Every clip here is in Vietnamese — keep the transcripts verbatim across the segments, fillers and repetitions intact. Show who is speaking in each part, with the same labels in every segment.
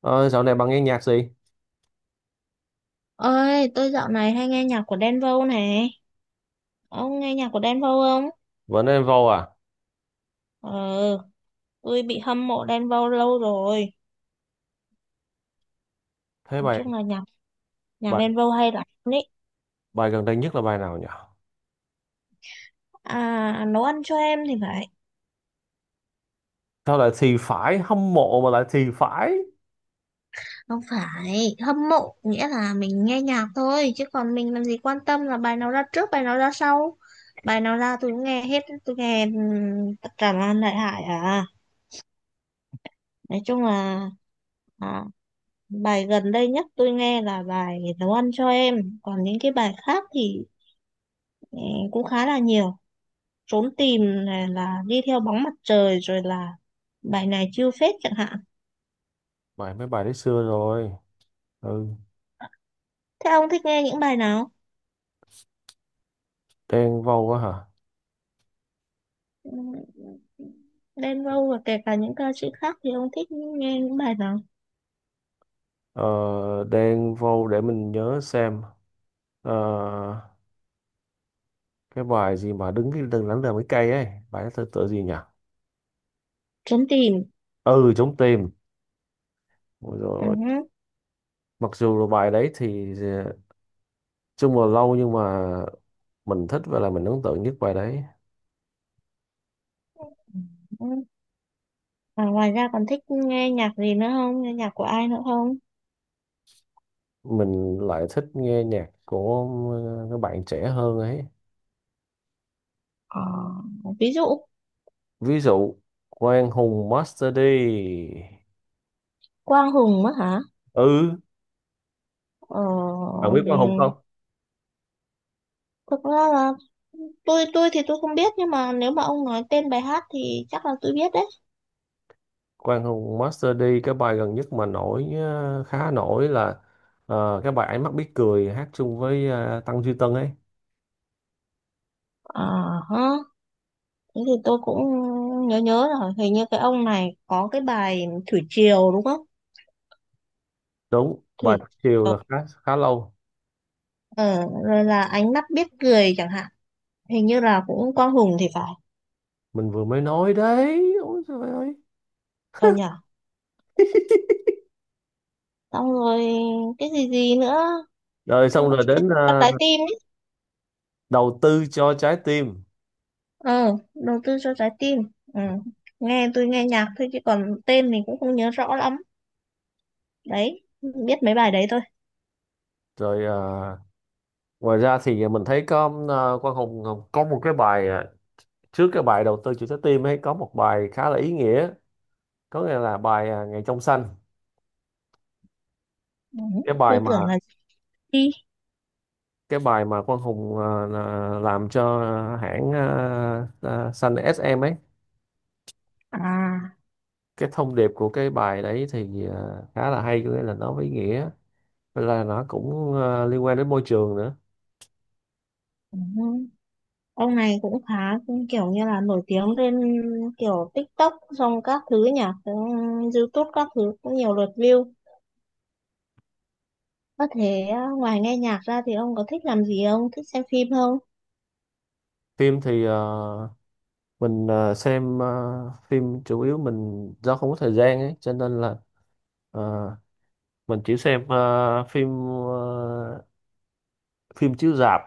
Speaker 1: Ờ, Dạo này bạn nghe nhạc gì?
Speaker 2: Ơi, tôi dạo này hay nghe nhạc của Đen Vâu này. Ông nghe nhạc của Đen Vâu không?
Speaker 1: Vẫn em vô à?
Speaker 2: Ờ, tôi bị hâm mộ Đen Vâu lâu rồi.
Speaker 1: Thế
Speaker 2: Nói
Speaker 1: bài Ừ.
Speaker 2: chung là nhạc nhạc
Speaker 1: bài
Speaker 2: Đen Vâu hay lắm ý.
Speaker 1: Bài gần đây nhất là bài nào nhỉ?
Speaker 2: À, nấu ăn cho em thì phải.
Speaker 1: Sao lại thì phải hâm mộ mà lại thì phải?
Speaker 2: Không phải, hâm mộ nghĩa là mình nghe nhạc thôi, chứ còn mình làm gì quan tâm là bài nào ra trước, bài nào ra sau. Bài nào ra tôi cũng nghe hết, tôi nghe ừm, tất cả là đại hải à. Nói chung là à, bài gần đây nhất tôi nghe là bài nấu ăn cho em, còn những cái bài khác thì ừ, cũng khá là nhiều. Trốn tìm này, là đi theo bóng mặt trời, rồi là bài này chiêu phết chẳng hạn.
Speaker 1: Bài mấy bài đấy xưa rồi. Ừ,
Speaker 2: Thế ông thích nghe những bài nào?
Speaker 1: đen vô quá hả?
Speaker 2: Ừ, Đen Vâu và kể cả những ca sĩ khác thì ông thích nghe những bài nào?
Speaker 1: Ờ, Đen vô để mình nhớ xem. Ờ, cái bài gì mà đứng cái đừng lắng đờ mấy cây ấy. Bài đó tựa tựa gì nhỉ?
Speaker 2: Trốn tìm.
Speaker 1: Ừ, chống tìm. Ôi dồi
Speaker 2: Ừ.
Speaker 1: ôi. Mặc dù là bài đấy thì ờ, chung là lâu nhưng mà mình thích và là mình ấn tượng nhất bài đấy.
Speaker 2: Ừ. Và ngoài ra còn thích nghe nhạc gì nữa không, nghe nhạc của ai nữa không?
Speaker 1: Mình lại thích nghe nhạc của ờ, các bạn trẻ hơn ấy.
Speaker 2: Ờ, ví dụ.
Speaker 1: Ví dụ Quang Hùng Master D.
Speaker 2: Quang Hùng á hả?
Speaker 1: Ừ,
Speaker 2: Ờ,
Speaker 1: bạn biết Quang Hùng
Speaker 2: ừ.
Speaker 1: không?
Speaker 2: Thực ra là tôi tôi thì tôi không biết, nhưng mà nếu mà ông nói tên bài hát thì chắc là tôi biết đấy.
Speaker 1: Quang Hùng Master D cái bài gần nhất mà nổi ờ, khá nổi là ờ, cái bài Ánh mắt biết cười hát chung với ờ, Tăng Duy Tân ấy.
Speaker 2: À ha, thế thì tôi cũng nhớ nhớ rồi. Hình như cái ông này có cái bài Thủy Triều đúng không?
Speaker 1: Đúng, bài
Speaker 2: Thủy
Speaker 1: Thất chiều
Speaker 2: Triều.
Speaker 1: là khá khá lâu.
Speaker 2: Ờ, rồi là ánh mắt biết cười chẳng hạn. Hình như là cũng Quang Hùng thì phải.
Speaker 1: Mình vừa mới nói đấy, ôi trời ơi.
Speaker 2: Còn nhở. Xong rồi cái gì gì nữa?
Speaker 1: Rồi xong rồi
Speaker 2: Cái
Speaker 1: đến
Speaker 2: cho
Speaker 1: ờ,
Speaker 2: trái tim ấy.
Speaker 1: đầu tư cho trái tim,
Speaker 2: Ờ, đầu tư cho trái tim. Ừ. Nghe, tôi nghe nhạc thôi chứ còn tên mình cũng không nhớ rõ lắm. Đấy, biết mấy bài đấy thôi.
Speaker 1: rồi ờ, ngoài ra thì ờ, mình thấy có ờ, Quang Hùng có một cái bài, ờ, trước cái bài đầu tư chủ trái tim ấy có một bài khá là ý nghĩa, có nghĩa là bài ờ, Ngày trong xanh,
Speaker 2: Ừ,
Speaker 1: cái bài
Speaker 2: tôi
Speaker 1: mà
Speaker 2: tưởng là chị Ly.
Speaker 1: cái bài mà Quang Hùng ờ, là- làm cho hãng ờ, ờ, xanh ét em ấy.
Speaker 2: À,
Speaker 1: Cái thông điệp của cái bài đấy thì ờ, khá là hay, có nghĩa là nó có ý nghĩa. Với là nó cũng ờ, liên quan đến môi trường nữa.
Speaker 2: ừ. Ông này cũng khá kiểu như là nổi tiếng lên kiểu TikTok xong các thứ nhỉ, ừ, YouTube các thứ cũng nhiều lượt view. Có thể à, ngoài nghe nhạc ra thì ông có thích làm gì không, thích xem phim không?
Speaker 1: Phim thì ờ, mình ờ, xem ờ, phim chủ yếu mình do không có thời gian ấy cho nên là ờ, mình chỉ xem ờ, phim ờ, phim chiếu rạp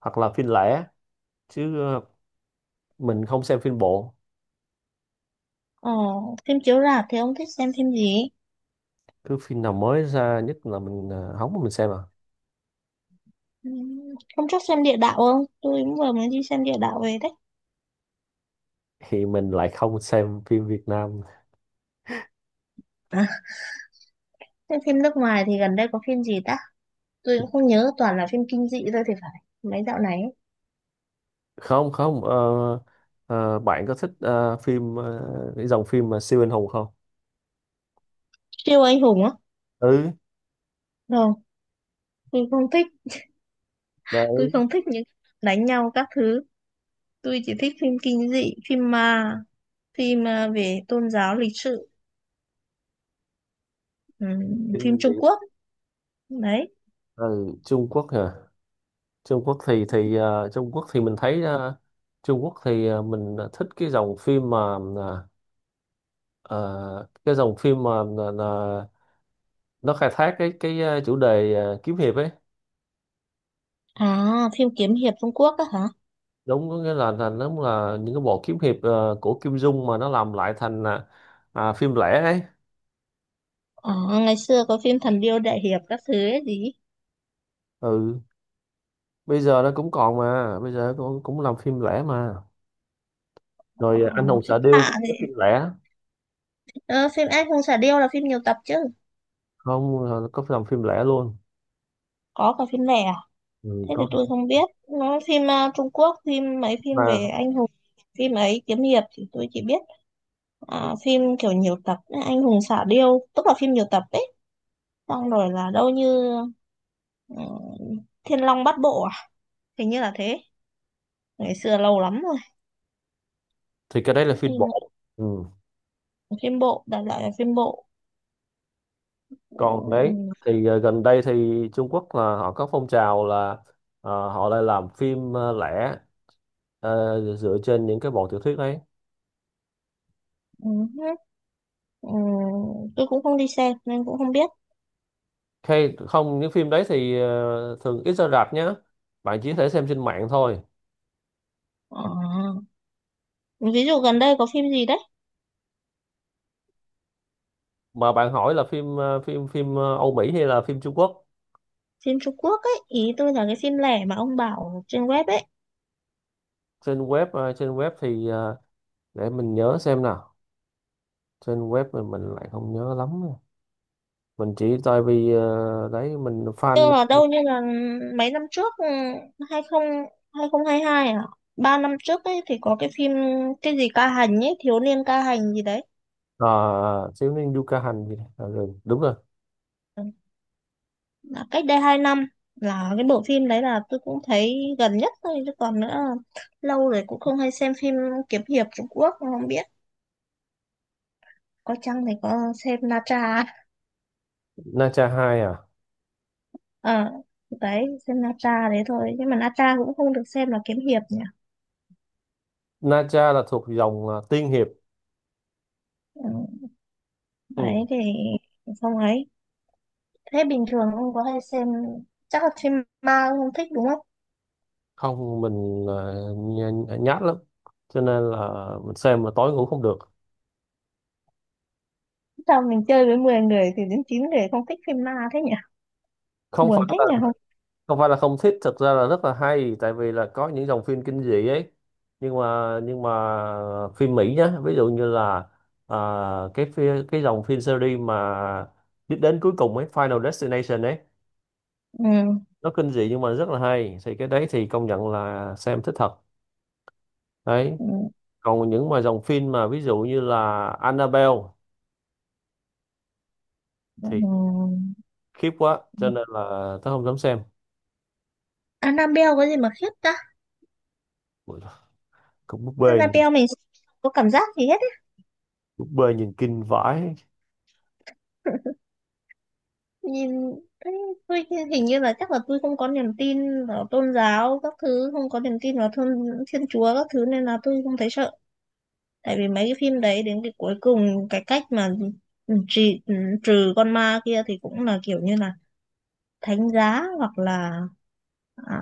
Speaker 1: hoặc là phim lẻ, chứ ờ, mình không xem phim bộ.
Speaker 2: Ờ, phim chiếu rạp thì ông thích xem phim gì?
Speaker 1: Cứ phim nào mới ra nhất là mình ờ, hóng mà mình xem à.
Speaker 2: Ừ, hôm trước xem địa đạo không, tôi cũng vừa mới đi xem địa đạo về đấy.
Speaker 1: Thì mình lại không xem phim Việt Nam.
Speaker 2: À, xem phim nước ngoài thì gần đây có phim gì ta. Tôi cũng không nhớ, toàn là phim kinh dị thôi thì phải, mấy dạo này ấy.
Speaker 1: Không không, ờ, ờ, bạn có thích ờ, phim, ờ, cái dòng phim mà siêu anh hùng không?
Speaker 2: Siêu anh hùng á?
Speaker 1: Ừ,
Speaker 2: Rồi, tôi không thích. Tôi
Speaker 1: đấy,
Speaker 2: không thích những đánh nhau các thứ. Tôi chỉ thích phim kinh dị, phim ma, phim à, về tôn giáo, lịch sử, ừm,
Speaker 1: kinh
Speaker 2: phim Trung
Speaker 1: dị.
Speaker 2: Quốc. Đấy.
Speaker 1: Ừ, Trung Quốc hả? Trung Quốc thì thì ờ, Trung Quốc thì mình thấy, ờ, Trung Quốc thì ờ, mình ờ, thích cái dòng phim mà, à, Ờ, cái dòng phim mà, là, là nó khai thác cái cái ờ, chủ đề ờ, kiếm hiệp ấy.
Speaker 2: À, phim kiếm hiệp Trung Quốc á hả?
Speaker 1: Đúng, có nghĩa là là nó là những cái bộ kiếm hiệp ờ, của Kim Dung mà nó làm lại thành, à, à, phim lẻ ấy.
Speaker 2: À, ngày xưa có phim thần điêu đại hiệp các thứ ấy gì.
Speaker 1: Ừ, bây giờ nó cũng còn mà bây giờ cũng cũng làm phim lẻ mà.
Speaker 2: Ờ,
Speaker 1: Rồi ờ, anh hùng
Speaker 2: phim
Speaker 1: xạ điêu
Speaker 2: tạ
Speaker 1: cũng có
Speaker 2: thì
Speaker 1: phim lẻ.
Speaker 2: ờ, phim anh hùng xạ điêu là phim nhiều tập chứ.
Speaker 1: Không, ờ, có làm phim lẻ luôn.
Speaker 2: Có cả phim lẻ à?
Speaker 1: Ừ,
Speaker 2: Thế thì
Speaker 1: có.
Speaker 2: tôi không biết. Nó phim à, Trung Quốc, phim mấy phim về
Speaker 1: Mà
Speaker 2: anh hùng, phim ấy, kiếm hiệp thì tôi chỉ biết à, phim kiểu nhiều tập ấy. Anh hùng xạ điêu tức là phim nhiều tập ấy, xong rồi là đâu như ừ, Thiên Long Bát Bộ à, hình như là thế, ngày xưa lâu lắm rồi.
Speaker 1: thì cái đấy là phim
Speaker 2: Phim,
Speaker 1: bộ. Ừ.
Speaker 2: phim bộ, đại loại là phim bộ. Ừ,
Speaker 1: Còn đấy thì ờ, gần đây thì Trung Quốc là họ có phong trào là, ờ, họ lại làm phim ờ, lẻ, ờ, dựa trên những cái bộ tiểu thuyết đấy.
Speaker 2: ừ, ừ, ừ. Tôi cũng không đi xem nên cũng không biết.
Speaker 1: Hay không, những phim đấy thì ờ, thường ít ra rạp nhá, bạn chỉ có thể xem trên mạng thôi.
Speaker 2: Ờ, ví dụ gần đây có phim gì đấy.
Speaker 1: Mà bạn hỏi là phim ờ, phim phim ờ, Âu Mỹ hay là phim Trung Quốc?
Speaker 2: Phim Trung Quốc ấy, ý tôi là cái phim lẻ mà ông bảo trên web ấy.
Speaker 1: Trên web ờ, trên web thì ờ, để mình nhớ xem nào. Trên web mình mình lại không nhớ lắm nè. Mình chỉ tại vì ờ, đấy mình
Speaker 2: Như
Speaker 1: fan.
Speaker 2: là đâu như là mấy năm trước ừ, hai mươi hai không hai hai à? Ba năm trước ấy thì có cái phim cái gì ca hành ấy, thiếu niên ca hành gì đấy.
Speaker 1: ờ, Thiếu niên Yuka Hành gì đó. Ờ, rồi, đúng rồi.
Speaker 2: Là cách đây hai năm, là cái bộ phim đấy là tôi cũng thấy gần nhất thôi chứ còn nữa lâu rồi cũng không hay xem phim kiếm hiệp Trung Quốc không biết. Có chăng thì có xem Na Tra.
Speaker 1: Na Cha hai à?
Speaker 2: Ờ, đấy, xem Na Tra đấy thôi, nhưng mà Na Tra cũng không được xem là kiếm hiệp nhỉ.
Speaker 1: Na Cha là thuộc dòng ờ, tiên hiệp.
Speaker 2: Ừ,
Speaker 1: Ừ.
Speaker 2: đấy thì không ấy. Thế bình thường ông có hay xem, chắc là phim ma ông không thích đúng không?
Speaker 1: Không, mình ờ, nhát lắm cho nên là mình xem mà tối ngủ không được.
Speaker 2: Sao mình chơi với mười người thì đến chín người không thích phim ma thế nhỉ?
Speaker 1: không phải
Speaker 2: Buồn thế
Speaker 1: là
Speaker 2: nhỉ, không?
Speaker 1: không phải là không thích, thực ra là rất là hay, tại vì là có những dòng phim kinh dị ấy, nhưng mà nhưng mà phim Mỹ nhá, ví dụ như là, à, cái phi- cái dòng phim series mà đích đến cuối cùng ấy, Final Destination ấy,
Speaker 2: Ừ.
Speaker 1: nó kinh dị nhưng mà rất là hay, thì cái đấy thì công nhận là xem thích thật. Đấy.
Speaker 2: Ừ,
Speaker 1: Còn những mà dòng phim mà ví dụ như là Annabelle thì
Speaker 2: ừ.
Speaker 1: khiếp quá
Speaker 2: Ừ.
Speaker 1: cho nên là tớ không dám xem.
Speaker 2: Annabelle có gì mà khiếp ta?
Speaker 1: Ui, cũng búp bê nhìn-
Speaker 2: Annabelle mình có cảm giác gì hết ấy.
Speaker 1: búp bê nhìn kinh vãi.
Speaker 2: Nhìn thấy tôi, hình như là chắc là tôi không có niềm tin vào tôn giáo các thứ, không có niềm tin vào thiên, thiên chúa các thứ nên là tôi không thấy sợ. Tại vì mấy cái phim đấy đến cái cuối cùng, cái cách mà trừ, trừ con ma kia thì cũng là kiểu như là thánh giá hoặc là à,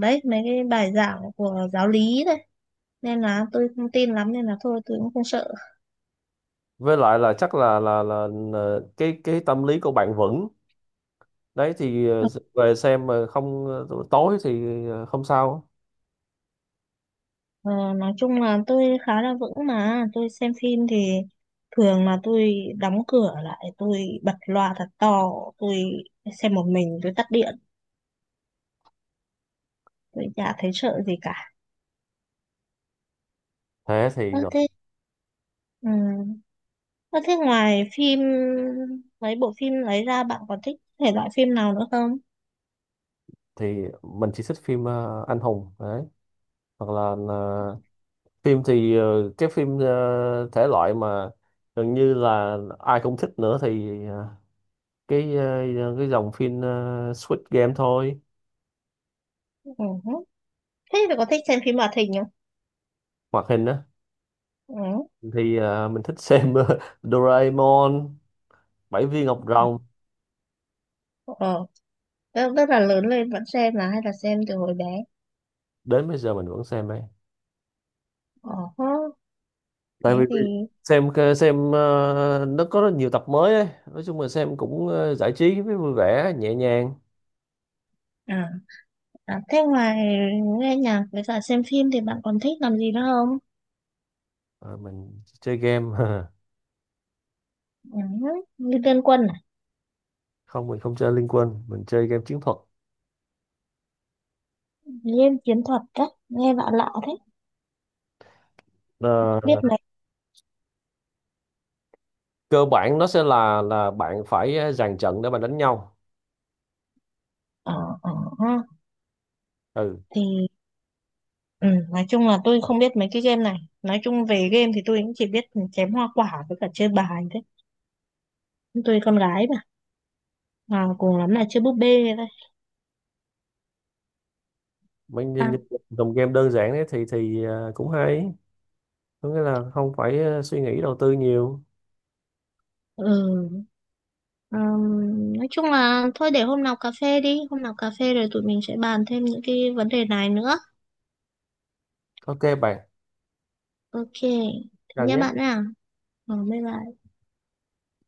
Speaker 2: đấy, mấy cái bài giảng của giáo lý đấy, nên là tôi không tin lắm nên là thôi tôi cũng không sợ.
Speaker 1: Với lại là chắc là là là, là cái cái tâm lý của bạn vững. Đấy thì ờ, về xem mà không ờ, tối thì ờ, không sao.
Speaker 2: Ờ, nói chung là tôi khá là vững, mà tôi xem phim thì thường là tôi đóng cửa lại, tôi bật loa thật to, tôi xem một mình, tôi tắt điện, tôi chả thấy sợ gì cả.
Speaker 1: thế
Speaker 2: Ơ
Speaker 1: thì ờ,
Speaker 2: thế, ừ, ơ, thế ngoài phim, mấy bộ phim lấy ra bạn còn thích thể loại phim nào nữa không?
Speaker 1: thì mình chỉ thích phim ờ, anh hùng đấy, hoặc là ờ, phim thì ờ, cái phim ờ, thể loại mà gần như là ai cũng thích nữa thì ờ, cái ờ, cái dòng phim ờ, Squid Game thôi.
Speaker 2: Ừ. Thế thì có thích xem phim hoạt hình không?
Speaker 1: Hoạt hình á?
Speaker 2: Ừ.
Speaker 1: Thì à, mình thích xem ờ, Doraemon, Bảy viên ngọc rồng.
Speaker 2: Ờ. Tức tức là lớn lên vẫn xem là hay là xem từ hồi bé?
Speaker 1: Đến bây giờ mình vẫn xem ấy.
Speaker 2: Ờ. Hớ.
Speaker 1: Tại vì
Speaker 2: Thế thì
Speaker 1: xem xem ờ, nó có rất nhiều tập mới ấy, nói chung là xem cũng ờ, giải trí với vui vẻ nhẹ nhàng.
Speaker 2: à, à thế ngoài nghe nhạc với cả xem phim thì bạn còn thích làm gì nữa không?
Speaker 1: Ờ, mình chơi game
Speaker 2: Ừ. Như Liên Quân à?
Speaker 1: không, mình không chơi Liên Quân, mình chơi game chiến thuật.
Speaker 2: Liên Chiến Thuật á, nghe lạ lạ thế. Biết
Speaker 1: Ờ,
Speaker 2: mấy
Speaker 1: Cơ bản nó sẽ là là bạn phải ờ, dàn trận để mà đánh nhau.
Speaker 2: ờ ờ ha.
Speaker 1: Ừ.
Speaker 2: Thì ừ, nói chung là tôi không biết mấy cái game này. Nói chung về game thì tôi cũng chỉ biết chém hoa quả với cả chơi bài thế. Tôi con gái mà. À, cùng lắm là chơi búp bê thôi.
Speaker 1: Mình nhìn
Speaker 2: À,
Speaker 1: những dòng game đơn giản ấy thì thì ờ, cũng hay, có nghĩa là không phải ờ, suy nghĩ đầu tư nhiều.
Speaker 2: ừ. Ừm, nói chung là thôi để hôm nào cà phê đi. Hôm nào cà phê rồi tụi mình sẽ bàn thêm những cái vấn đề này nữa.
Speaker 1: Ok bạn,
Speaker 2: Ok. Thế
Speaker 1: chào
Speaker 2: nha
Speaker 1: nhé.
Speaker 2: bạn à. Ờ, bye bye.